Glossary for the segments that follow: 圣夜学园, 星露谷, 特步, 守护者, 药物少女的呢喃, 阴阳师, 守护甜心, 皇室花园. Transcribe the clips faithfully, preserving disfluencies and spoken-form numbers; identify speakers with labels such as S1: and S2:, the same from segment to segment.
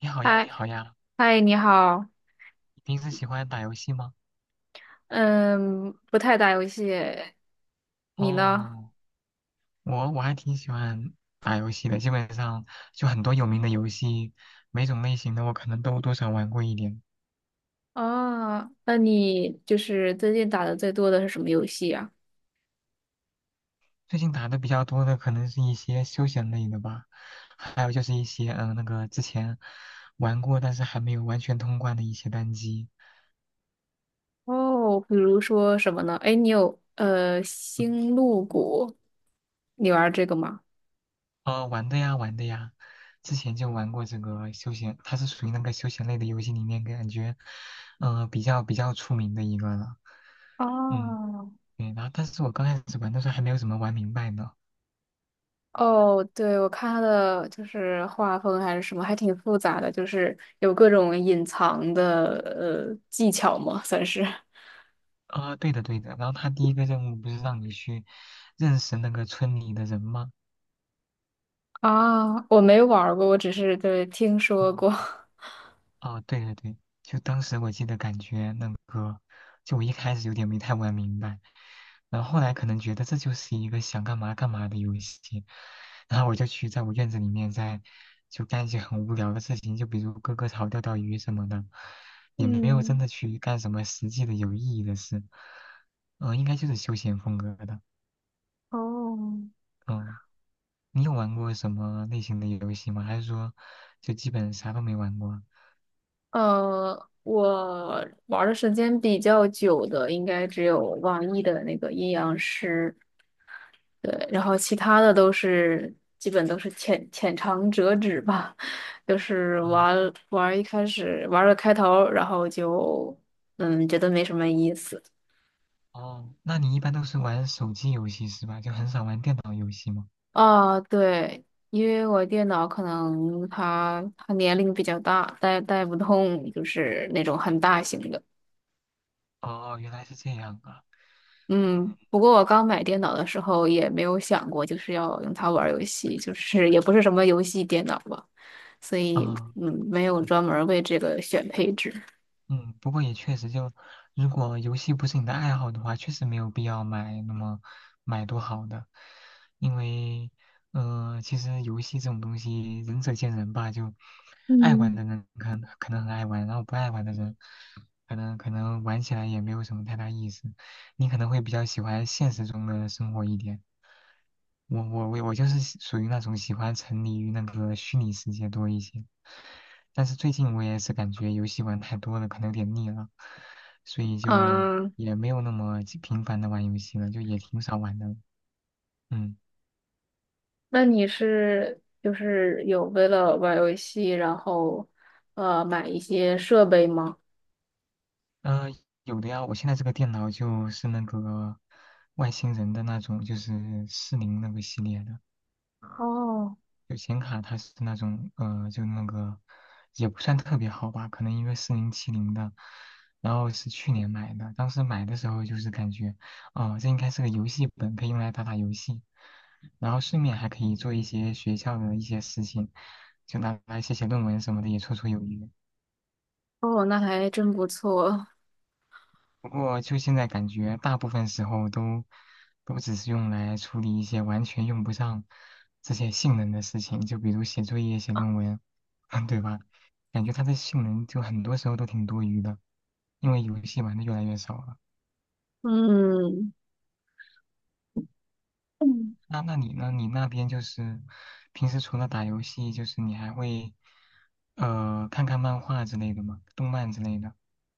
S1: 你好呀，你
S2: 嗨
S1: 好呀，
S2: 嗨，你好，
S1: 你平时喜欢打游戏吗？
S2: 嗯，不太打游戏，你呢？
S1: 哦，我我还挺喜欢打游戏的，基本上就很多有名的游戏，每种类型的我可能都多少玩过一点。
S2: 啊，那你就是最近打的最多的是什么游戏啊？
S1: 最近打的比较多的可能是一些休闲类的吧，还有就是一些嗯、呃那个之前玩过但是还没有完全通关的一些单机。
S2: 哦，比如说什么呢？哎，你有呃
S1: 嗯，
S2: 星露谷，你玩这个吗？
S1: 哦，玩的呀，玩的呀，之前就玩过这个休闲，它是属于那个休闲类的游戏里面感觉，嗯、比较比较出名的一个了。嗯。
S2: 哦，
S1: 对，然后但是我刚开始玩的时候还没有怎么玩明白呢。
S2: 哦，对，我看它的就是画风还是什么，还挺复杂的，就是有各种隐藏的呃技巧嘛，算是。
S1: 啊、对的对的，然后他第一个任务不是让你去认识那个村里的人吗？
S2: 啊，我没玩儿过，我只是对听说
S1: 嗯、
S2: 过。
S1: 哦，对对对，就当时我记得感觉那个，就我一开始有点没太玩明白，然后后来可能觉得这就是一个想干嘛干嘛的游戏，然后我就去在我院子里面在就干一些很无聊的事情，就比如割割草、钓钓鱼什么的，也没有真
S2: 嗯，
S1: 的去干什么实际的有意义的事，嗯、应该就是休闲风格的，
S2: 哦，
S1: 嗯，你有玩过什么类型的游戏吗？还是说就基本啥都没玩过？
S2: 呃，我玩的时间比较久的，应该只有网易的那个阴阳师，对，然后其他的都是基本都是浅浅尝辄止吧，就是
S1: 哦
S2: 玩玩一开始玩了开头，然后就嗯觉得没什么意思。
S1: 哦，那你一般都是玩手机游戏是吧？就很少玩电脑游戏吗？
S2: 啊，对，因为我电脑可能它它年龄比较大，带带不动就是那种很大型的。
S1: 哦，原来是这样啊。
S2: 嗯，不过我刚买电脑的时候也没有想过就是要用它玩儿游戏，就是也不是什么游戏电脑吧，所以
S1: 啊，
S2: 嗯，没有专门儿为这个选配置。
S1: 嗯，不过也确实就，如果游戏不是你的爱好的话，确实没有必要买那么买多好的，因为，呃，其实游戏这种东西仁者见仁吧，就爱玩
S2: 嗯。
S1: 的人可能可能很爱玩，然后不爱玩的人可能可能玩起来也没有什么太大意思，你可能会比较喜欢现实中的生活一点。我我我我就是喜属于那种喜欢沉迷于那个虚拟世界多一些，但是最近我也是感觉游戏玩太多了，可能有点腻了，所以就
S2: 嗯，
S1: 也没有那么经频繁的玩游戏了，就也挺少玩的。嗯，
S2: 那你是就是有为了玩儿游戏，然后呃买一些设备吗？
S1: 呃，有的呀，我现在这个电脑就是那个外星人的那种，就是四零那个系列的。
S2: 哦，
S1: 有显卡它是那种呃，就那个也不算特别好吧，可能因为四零七零的，然后是去年买的，当时买的时候就是感觉，哦、这应该是个游戏本，可以用来打打游戏，然后顺便还可以做一些学校的一些事情，就拿来写写论文什么的，也绰绰有余。
S2: 哦，那还真不错。
S1: 不过就现在感觉，大部分时候都都只是用来处理一些完全用不上这些性能的事情，就比如写作业、写论文，对吧？感觉它的性能就很多时候都挺多余的，因为游戏玩的越来越少了。
S2: 嗯，
S1: 那那你呢？你那边就是平时除了打游戏，就是你还会呃看看漫画之类的吗？动漫之类的？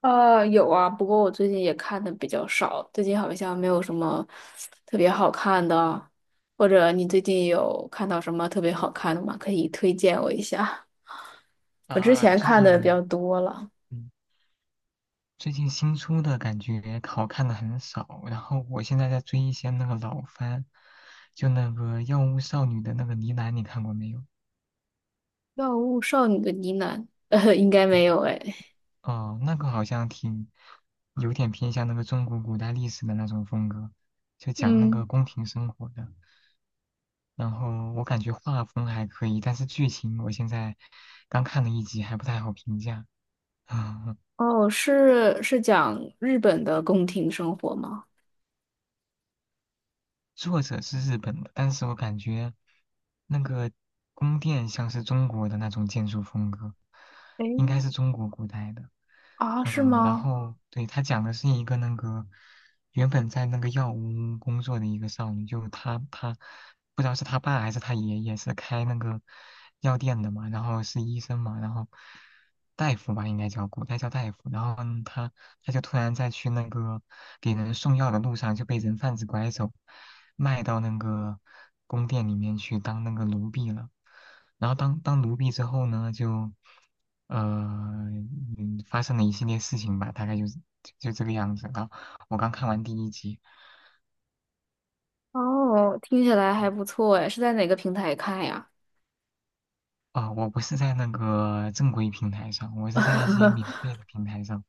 S2: 呃，有啊，不过我最近也看的比较少，最近好像没有什么特别好看的，或者你最近有看到什么特别好看的吗？可以推荐我一下。我之
S1: 啊，
S2: 前
S1: 最
S2: 看的比较
S1: 近
S2: 多了，
S1: 嗯最近新出的感觉好看的很少，然后我现在在追一些那个老番，就那个《药物少女》的那个呢喃，你看过没有？
S2: 《药物少女的呢喃》呃，应该没有哎。
S1: 哦，那个好像挺有点偏向那个中国古代历史的那种风格，就讲那个
S2: 嗯，
S1: 宫廷生活的。然后我感觉画风还可以，但是剧情我现在刚看了一集，还不太好评价。
S2: 哦，是是讲日本的宫廷生活吗？
S1: 作者是日本的，但是我感觉那个宫殿像是中国的那种建筑风格，
S2: 诶，
S1: 应该是中国古代的。
S2: 啊，是
S1: 嗯，然
S2: 吗？
S1: 后对，他讲的是一个那个原本在那个药屋工作的一个少女，就她她不知道是她爸还是她爷爷是开那个药店的嘛，然后是医生嘛，然后大夫吧应该叫古代叫大夫，然后呢她他就突然在去那个给人送药的路上就被人贩子拐走，卖到那个宫殿里面去当那个奴婢了。然后当当奴婢之后呢，就呃嗯发生了一系列事情吧，大概就是就这个样子。然后我刚看完第一集，
S2: 哦，听起来还不错哎，是在哪个平台看呀？
S1: 啊、我不是在那个正规平台上，我是在一些免 费的平台上，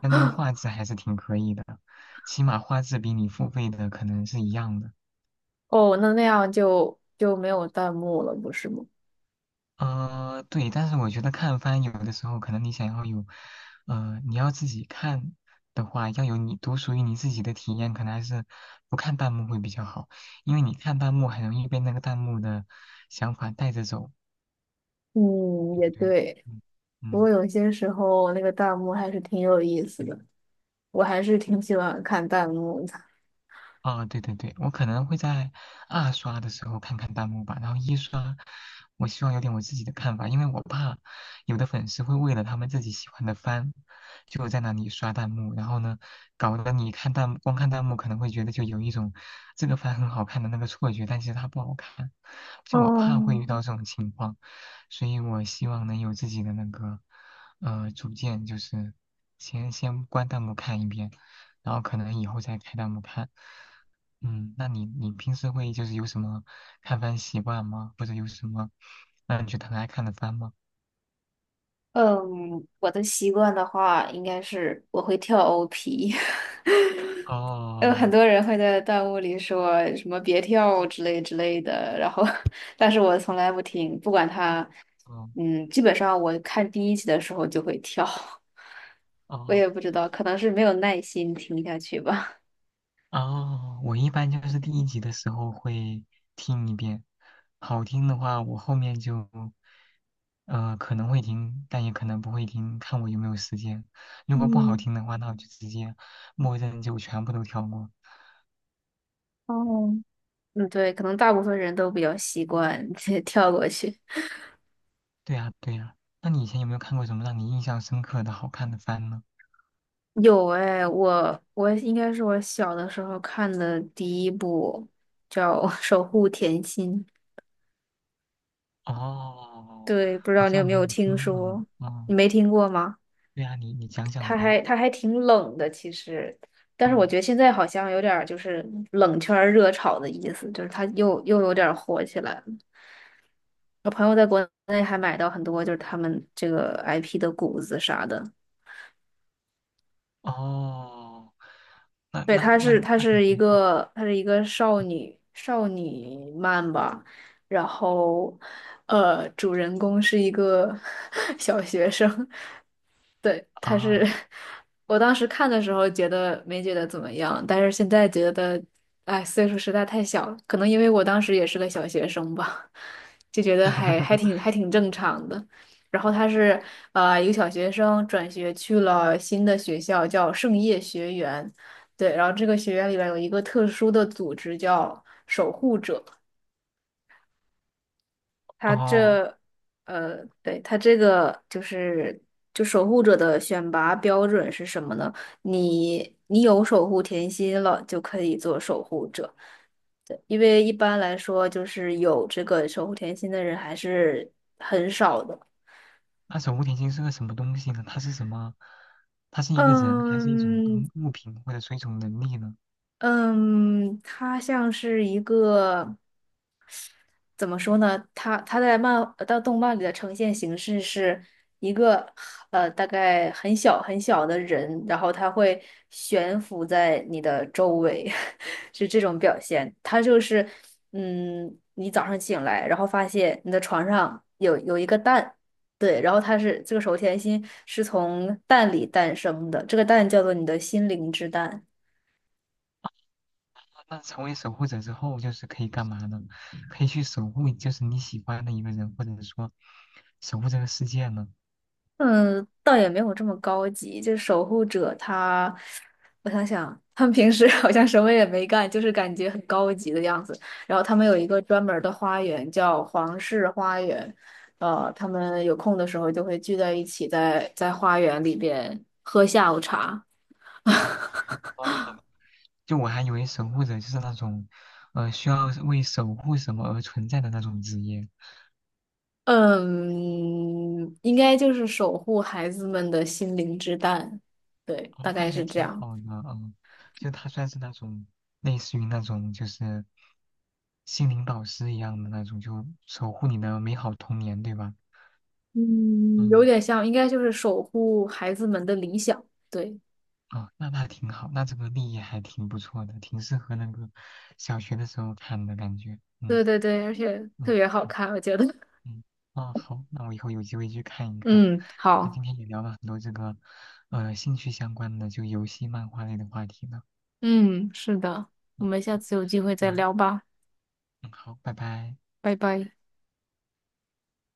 S1: 但那个画质还是挺可以的，起码画质比你付费的可能是一样的。
S2: 哦，那那样就就没有弹幕了，不是吗？
S1: 呃，对，但是我觉得看番有的时候，可能你想要有，呃，你要自己看的话，要有你独属于你自己的体验，可能还是不看弹幕会比较好，因为你看弹幕很容易被那个弹幕的想法带着走，
S2: 嗯，
S1: 对
S2: 也
S1: 不对？
S2: 对。
S1: 嗯
S2: 不过
S1: 嗯。
S2: 有些时候那个弹幕还是挺有意思的，我还是挺喜欢看弹幕的。
S1: 啊，对对对，我可能会在二刷的时候看看弹幕吧，然后一刷，我希望有点我自己的看法，因为我怕有的粉丝会为了他们自己喜欢的番，就在那里刷弹幕，然后呢，搞得你看弹幕，光看弹幕可能会觉得就有一种这个番很好看的那个错觉，但其实它不好看，就我怕会
S2: 哦，
S1: 遇到这种情况，所以我希望能有自己的那个呃主见，就是先先关弹幕看一遍，然后可能以后再开弹幕看。嗯，那你你平时会就是有什么看番习惯吗？或者有什么让你觉得很爱看的番吗？
S2: 嗯，我的习惯的话，应该是我会跳 O P。有
S1: 哦
S2: 很多人会在弹幕里说什么“别跳”之类之类的，然后，但是我从来不听，不管他，
S1: 哦
S2: 嗯，基本上我看第一集的时候就会跳，我
S1: 哦
S2: 也不知道，可能是没有耐心听下去吧。
S1: 哦，我一般就是第一集的时候会听一遍，好听的话我后面就呃可能会听，但也可能不会听，看我有没有时间。如果不好
S2: 嗯，
S1: 听的话，那我就直接默认就全部都跳过。
S2: 哦，嗯，对，可能大部分人都比较习惯 跳过去。
S1: 对呀对呀，那你以前有没有看过什么让你印象深刻的好看的番呢？
S2: 有哎，我我应该是我小的时候看的第一部叫《<laughs> 守护甜心》。
S1: 哦，
S2: 对，不知
S1: 好
S2: 道你有
S1: 像
S2: 没
S1: 没有
S2: 有听
S1: 听过呢。
S2: 说？你
S1: 嗯，
S2: 没听过吗？
S1: 对啊，你你讲讲
S2: 它
S1: 呗。
S2: 还它还挺冷的，其实，但是我
S1: 嗯，
S2: 觉得现在好像有点儿就是冷圈儿热炒的意思，就是它又又有点儿火起来了。我朋友在国内还买到很多就是他们这个 I P 的谷子啥的。
S1: 哦，那
S2: 对，
S1: 那
S2: 她
S1: 那
S2: 是她
S1: 那感
S2: 是一
S1: 觉
S2: 个她是一个少女少女漫吧，然后呃，主人公是一个 小学生，对，她是
S1: 啊，
S2: 我当时看的时候觉得没觉得怎么样，但是现在觉得，哎，岁数实在太小了，可能因为我当时也是个小学生吧，就觉得还还挺 还挺正常的。然后他是呃一个小学生转学去了新的学校，叫圣夜学园。对，然后这个学院里边有一个特殊的组织叫守护者，它
S1: 哦，
S2: 这，呃，对，它这个就是就守护者的选拔标准是什么呢？你你有守护甜心了，就可以做守护者。对，因为一般来说，就是有这个守护甜心的人还是很少的。
S1: 那守护甜心是个什么东西呢？它是什么？它是一个人，还是一种东
S2: 嗯
S1: 物品，或者说一种能力呢？
S2: 嗯，他像是一个。怎么说呢？他他在漫呃到动漫里的呈现形式是一个呃大概很小很小的人，然后他会悬浮在你的周围，是这种表现。他就是嗯，你早上醒来，然后发现你的床上有有一个蛋，对，然后它是这个手甜心是从蛋里诞生的，这个蛋叫做你的心灵之蛋。
S1: 啊那成为守护者之后，就是可以干嘛呢？可以去守护，就是你喜欢的一个人，或者说守护这个世界呢？
S2: 嗯，倒也没有这么高级。就守护者他，我想想，他们平时 好像什么也没干，就是感觉很高级的样子。然后他们有一个专门儿的花园，叫皇室花园。呃，他们有空的时候就会聚在一起在，在花园里边喝下午茶。
S1: 哦就我还以为守护者就是那种，呃，需要为守护什么而存在的那种职业。
S2: 嗯，应该就是守护孩子们的心灵之蛋。对，大
S1: 哦，那
S2: 概
S1: 还
S2: 是这
S1: 挺
S2: 样。
S1: 好的，嗯，就他算是那种类似于那种就是心灵导师一样的那种，就守护你的美好童年，对吧？
S2: 嗯，有
S1: 嗯，
S2: 点像，应该就是守护孩子们的理想。对，
S1: 哦，那那挺好，那这个立意还挺不错的，挺适合那个小学的时候看的感觉。嗯
S2: 对对对，而且特
S1: 嗯。
S2: 别好看，我觉得。
S1: 嗯，啊，好，那我以后有机会去看一看。
S2: 嗯，
S1: 那
S2: 好，
S1: 今天也聊了很多这个，呃，兴趣相关的，就游戏、漫画类的话题呢。
S2: 嗯，是的，我们下次有机会再
S1: 那，
S2: 聊吧，
S1: 嗯，好，拜拜。
S2: 拜拜。